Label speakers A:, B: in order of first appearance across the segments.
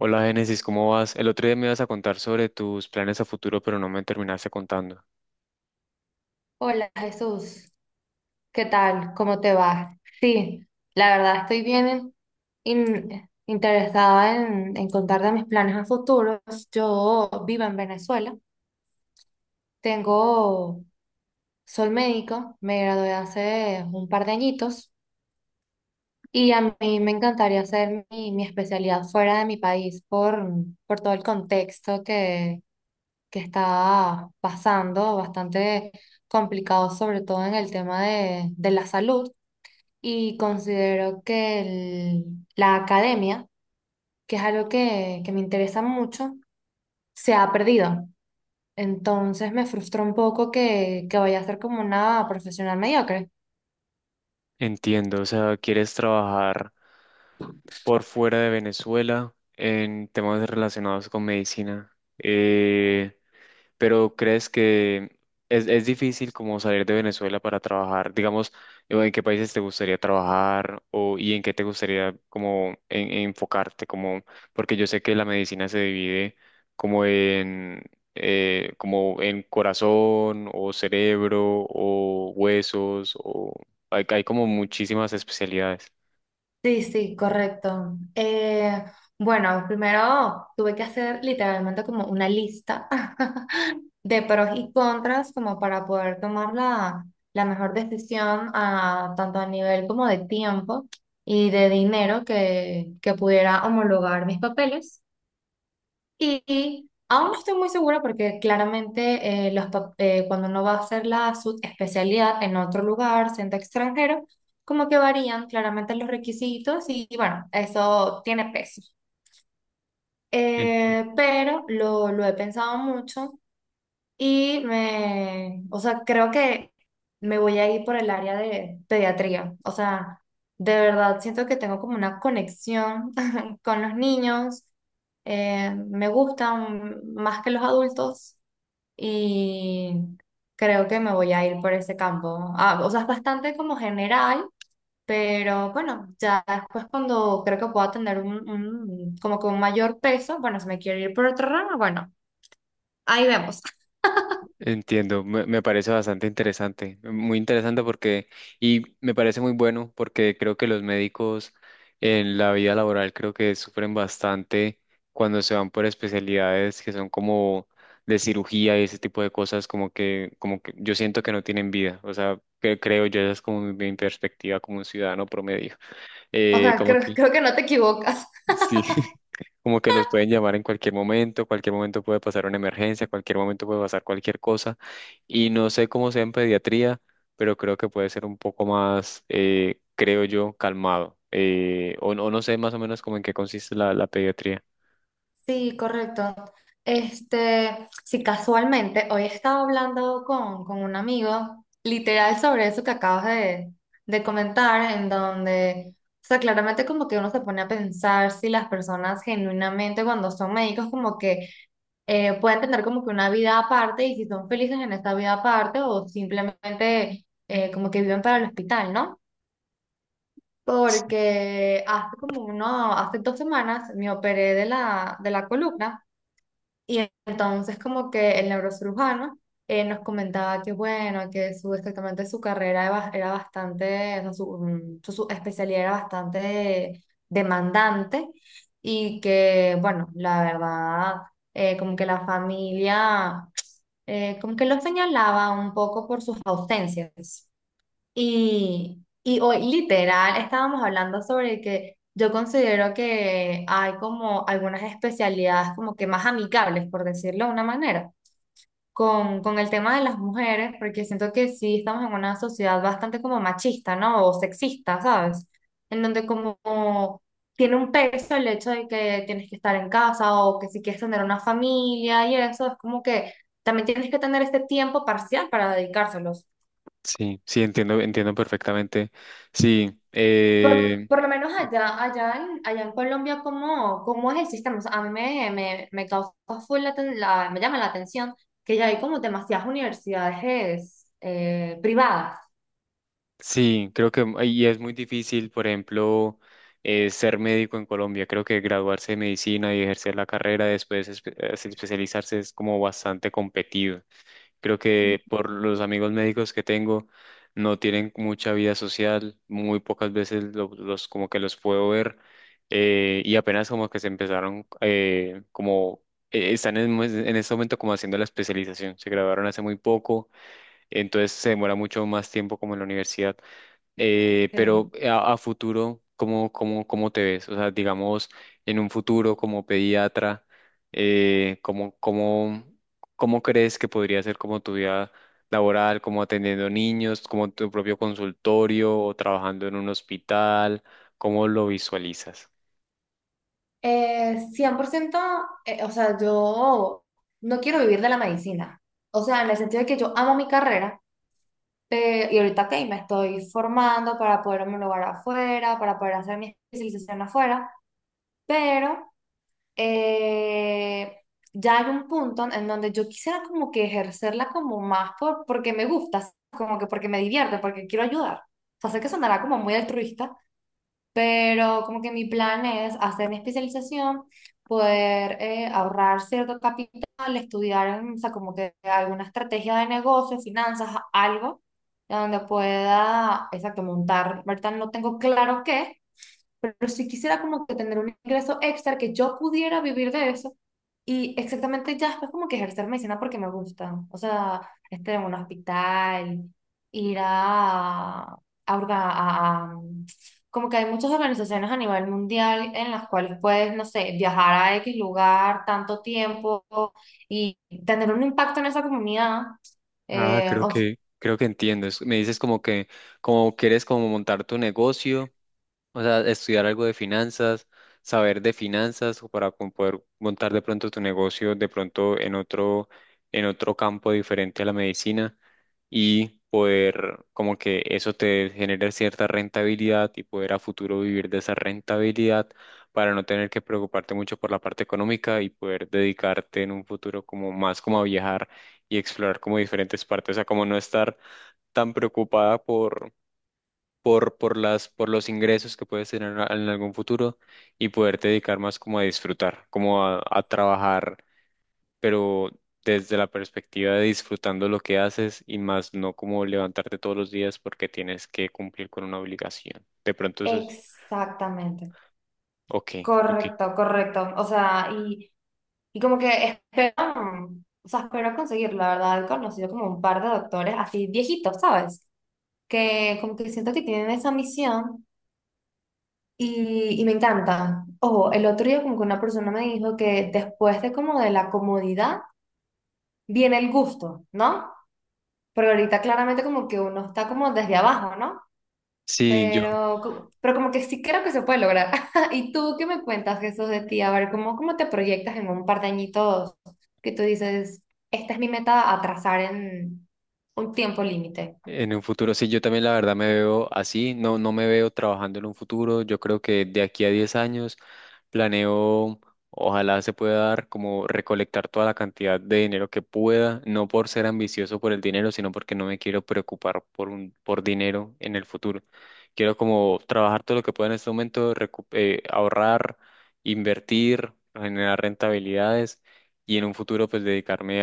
A: Hola Génesis, ¿cómo vas? El otro día me ibas a contar sobre tus planes a futuro, pero no me terminaste contando.
B: Hola Jesús, ¿qué tal? ¿Cómo te va? Sí, la verdad estoy bien interesada en contarte mis planes a futuro. Yo vivo en Venezuela, tengo, soy médico, me gradué hace un par de añitos y a mí me encantaría hacer mi especialidad fuera de mi país por todo el contexto que está pasando, bastante complicado sobre todo en el tema de la salud. Y considero que la academia, que es algo que me interesa mucho, se ha perdido. Entonces me frustra un poco que vaya a ser como una profesional mediocre.
A: Entiendo, o sea, quieres trabajar por fuera de Venezuela en temas relacionados con medicina. Pero ¿crees que es difícil como salir de Venezuela para trabajar? Digamos, o ¿en qué países te gustaría trabajar o y en qué te gustaría como enfocarte? Como, porque yo sé que la medicina se divide como en como en corazón o cerebro o huesos o hay como muchísimas especialidades.
B: Sí, sí, correcto. Bueno, primero tuve que hacer literalmente como una lista de pros y contras como para poder tomar la mejor decisión tanto a nivel como de tiempo y de dinero que pudiera homologar mis papeles. Y aún no estoy muy segura porque claramente cuando uno va a hacer la especialidad en otro lugar, siendo extranjero, como que varían claramente los requisitos y, bueno, eso tiene peso. Pero lo he pensado mucho y o sea, creo que me voy a ir por el área de pediatría. O sea, de verdad siento que tengo como una conexión con los niños. Me gustan más que los adultos y creo que me voy a ir por ese campo. Ah, o sea, es bastante como general, pero bueno, ya después cuando creo que pueda tener como que un mayor peso, bueno, si me quiero ir por otro ramo, bueno, ahí vemos.
A: Entiendo, me parece bastante interesante, muy interesante porque, y me parece muy bueno porque creo que los médicos en la vida laboral creo que sufren bastante cuando se van por especialidades que son como de cirugía y ese tipo de cosas, como que yo siento que no tienen vida, o sea, que creo yo, esa es como mi perspectiva como un ciudadano promedio,
B: O sea,
A: como
B: creo,
A: que,
B: creo que no te equivocas.
A: sí. Como que los pueden llamar en cualquier momento puede pasar una emergencia, cualquier momento puede pasar cualquier cosa. Y no sé cómo sea en pediatría, pero creo que puede ser un poco más, creo yo, calmado. O, no o no sé más o menos como en qué consiste la, la pediatría.
B: Sí, correcto. Este, sí, casualmente, hoy estaba hablando con un amigo, literal, sobre eso que acabas de comentar, en donde, o sea, claramente como que uno se pone a pensar si las personas genuinamente cuando son médicos como que pueden tener como que una vida aparte y si son felices en esta vida aparte o simplemente como que viven para el hospital, ¿no?
A: S-
B: Porque hace 2 semanas me operé de la columna, entonces como que el neurocirujano nos comentaba que bueno, que exactamente su carrera era bastante, o sea, su especialidad era bastante demandante y que bueno, la verdad, como que la familia, como que lo señalaba un poco por sus ausencias. Y hoy literal estábamos hablando sobre que yo considero que hay como algunas especialidades como que más amigables, por decirlo de una manera, con el tema de las mujeres, porque siento que sí estamos en una sociedad bastante como machista, ¿no? O sexista, ¿sabes? En donde como tiene un peso el hecho de que tienes que estar en casa o que si quieres tener una familia y eso, es como que también tienes que tener este tiempo parcial para dedicárselos.
A: Sí, sí, entiendo, entiendo perfectamente. Sí,
B: Por, por lo menos allá en Colombia, ¿cómo es el sistema? O sea, a mí me causa full me llama la atención que ya hay como demasiadas universidades privadas.
A: sí, creo que y es muy difícil, por ejemplo, ser médico en Colombia. Creo que graduarse de medicina y ejercer la carrera después especializarse es como bastante competido. Creo
B: Mm,
A: que por los amigos médicos que tengo no tienen mucha vida social, muy pocas veces los como que los puedo ver y apenas como que se empezaron como están en, pues, en este momento como haciendo la especialización. Se graduaron hace muy poco, entonces se demora mucho más tiempo como en la universidad. Pero
B: ok.
A: a futuro, ¿cómo, cómo, cómo te ves? O sea, digamos, en un futuro como pediatra, ¿cómo, cómo, cómo crees que podría ser como tu vida laboral, como atendiendo niños, como tu propio consultorio o trabajando en un hospital? ¿Cómo lo visualizas?
B: 100%, o sea, yo no quiero vivir de la medicina. O sea, en el sentido de que yo amo mi carrera, y ahorita que me estoy formando para poder homologar afuera, para poder hacer mi especialización afuera, pero eh, ya hay un punto en donde yo quisiera como que ejercerla como más porque me gusta, como que porque me divierte, porque quiero ayudar. O sea, sé que sonará como muy altruista, pero como que mi plan es hacer mi especialización, poder ahorrar cierto capital, estudiar, o sea, como que alguna estrategia de negocio, finanzas, algo, donde pueda, exacto, montar. Ahorita no tengo claro qué, pero si quisiera como que tener un ingreso extra que yo pudiera vivir de eso y exactamente ya después como que ejercer medicina porque me gusta, o sea, estar en un hospital, ir a, orga- a- como que hay muchas organizaciones a nivel mundial en las cuales puedes, no sé, viajar a X lugar tanto tiempo y tener un impacto en esa comunidad.
A: Ah,
B: Eh, o-
A: creo que entiendo. Me dices como que, como quieres como montar tu negocio. O sea, estudiar algo de finanzas, saber de finanzas o para poder montar de pronto tu negocio de pronto en otro campo diferente a la medicina y poder como que eso te genere cierta rentabilidad y poder a futuro vivir de esa rentabilidad para no tener que preocuparte mucho por la parte económica y poder dedicarte en un futuro como más como a viajar y explorar como diferentes partes, o sea, como no estar tan preocupada por las, por los ingresos que puedes tener en algún futuro y poderte dedicar más como a disfrutar, como a trabajar, pero desde la perspectiva de disfrutando lo que haces y más no como levantarte todos los días porque tienes que cumplir con una obligación. De pronto eso es,
B: Exactamente,
A: ok, ok.
B: correcto, correcto, o sea, y como que esperaron, o sea, espero conseguir, la verdad, he conocido como un par de doctores así viejitos, ¿sabes? Que como que siento que tienen esa misión y me encanta. Ojo, el otro día como que una persona me dijo que después de como de la comodidad viene el gusto, ¿no? Porque ahorita claramente como que uno está como desde abajo, ¿no?
A: Sí, yo.
B: Pero, pero como que sí creo que se puede lograr. ¿Y tú qué me cuentas, Jesús, de ti? A ver, ¿cómo te proyectas en un par de añitos que tú dices, esta es mi meta, atrasar en un tiempo límite?
A: En un futuro, sí, yo también la verdad me veo así, no, no me veo trabajando en un futuro, yo creo que de aquí a 10 años planeo, ojalá se pueda dar como recolectar toda la cantidad de dinero que pueda, no por ser ambicioso por el dinero, sino porque no me quiero preocupar por un, por dinero en el futuro. Quiero como trabajar todo lo que pueda en este momento, ahorrar, invertir, generar rentabilidades y en un futuro pues dedicarme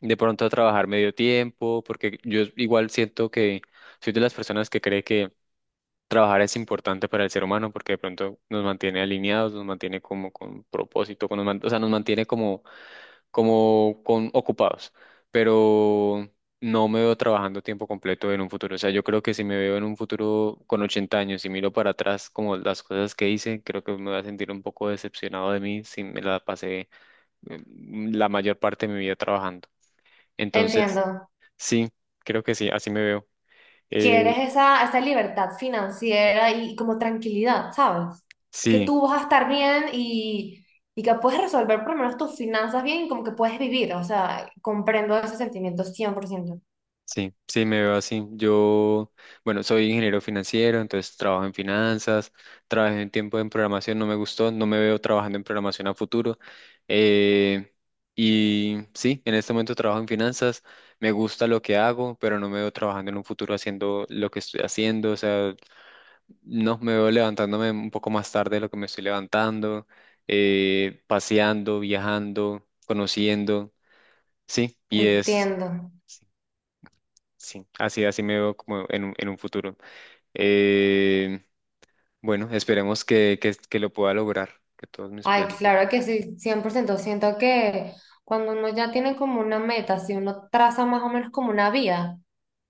A: de pronto trabajar medio tiempo, porque yo igual siento que soy de las personas que cree que trabajar es importante para el ser humano, porque de pronto nos mantiene alineados, nos mantiene como con propósito, o sea, nos mantiene como, como con ocupados, pero no me veo trabajando tiempo completo en un futuro, o sea, yo creo que si me veo en un futuro con 80 años y miro para atrás como las cosas que hice, creo que me voy a sentir un poco decepcionado de mí si me la pasé la mayor parte de mi vida trabajando. Entonces,
B: Entiendo.
A: sí, creo que sí, así me veo. Eh,
B: Quieres esa libertad financiera y como tranquilidad, ¿sabes? Que
A: sí,
B: tú vas a estar bien y que puedes resolver por lo menos tus finanzas bien y como que puedes vivir. O sea, comprendo ese sentimiento 100%.
A: sí, sí, me veo así. Yo, bueno, soy ingeniero financiero, entonces trabajo en finanzas, trabajé un tiempo en programación, no me gustó, no me veo trabajando en programación a futuro. Eh, y sí, en este momento trabajo en finanzas, me gusta lo que hago, pero no me veo trabajando en un futuro haciendo lo que estoy haciendo, o sea, no, me veo levantándome un poco más tarde de lo que me estoy levantando, paseando, viajando, conociendo, sí, y es...
B: Entiendo.
A: Sí, así, así me veo como en un futuro. Eh, bueno, esperemos que lo pueda lograr, que todos mis
B: Ay,
A: planes.
B: claro que sí, 100%. Siento que cuando uno ya tiene como una meta, si uno traza más o menos como una vía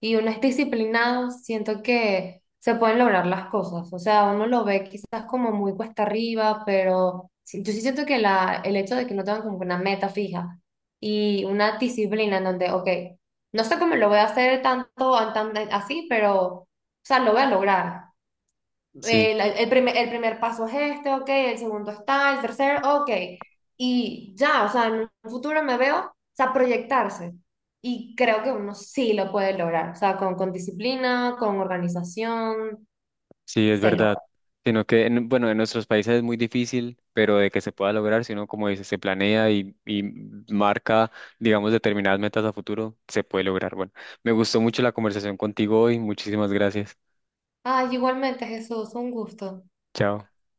B: y uno es disciplinado, siento que se pueden lograr las cosas. O sea, uno lo ve quizás como muy cuesta arriba, pero yo sí siento que el hecho de que no tengan como una meta fija y una disciplina en donde, ok, no sé cómo lo voy a hacer tanto, así, pero, o sea, lo voy a lograr.
A: Sí,
B: El primer paso es este, ok, el segundo está, el tercero, ok. Y ya, o sea, en un futuro me veo, o sea, proyectarse. Y creo que uno sí lo puede lograr, o sea, con disciplina, con organización,
A: sí, es
B: se
A: verdad.
B: logra.
A: Sino que, bueno, en nuestros países es muy difícil, pero de que se pueda lograr, si uno, como dice, se planea y marca, digamos, determinadas metas a futuro, se puede lograr. Bueno, me gustó mucho la conversación contigo hoy. Muchísimas gracias.
B: Ay, igualmente, Jesús, un gusto.
A: Chao.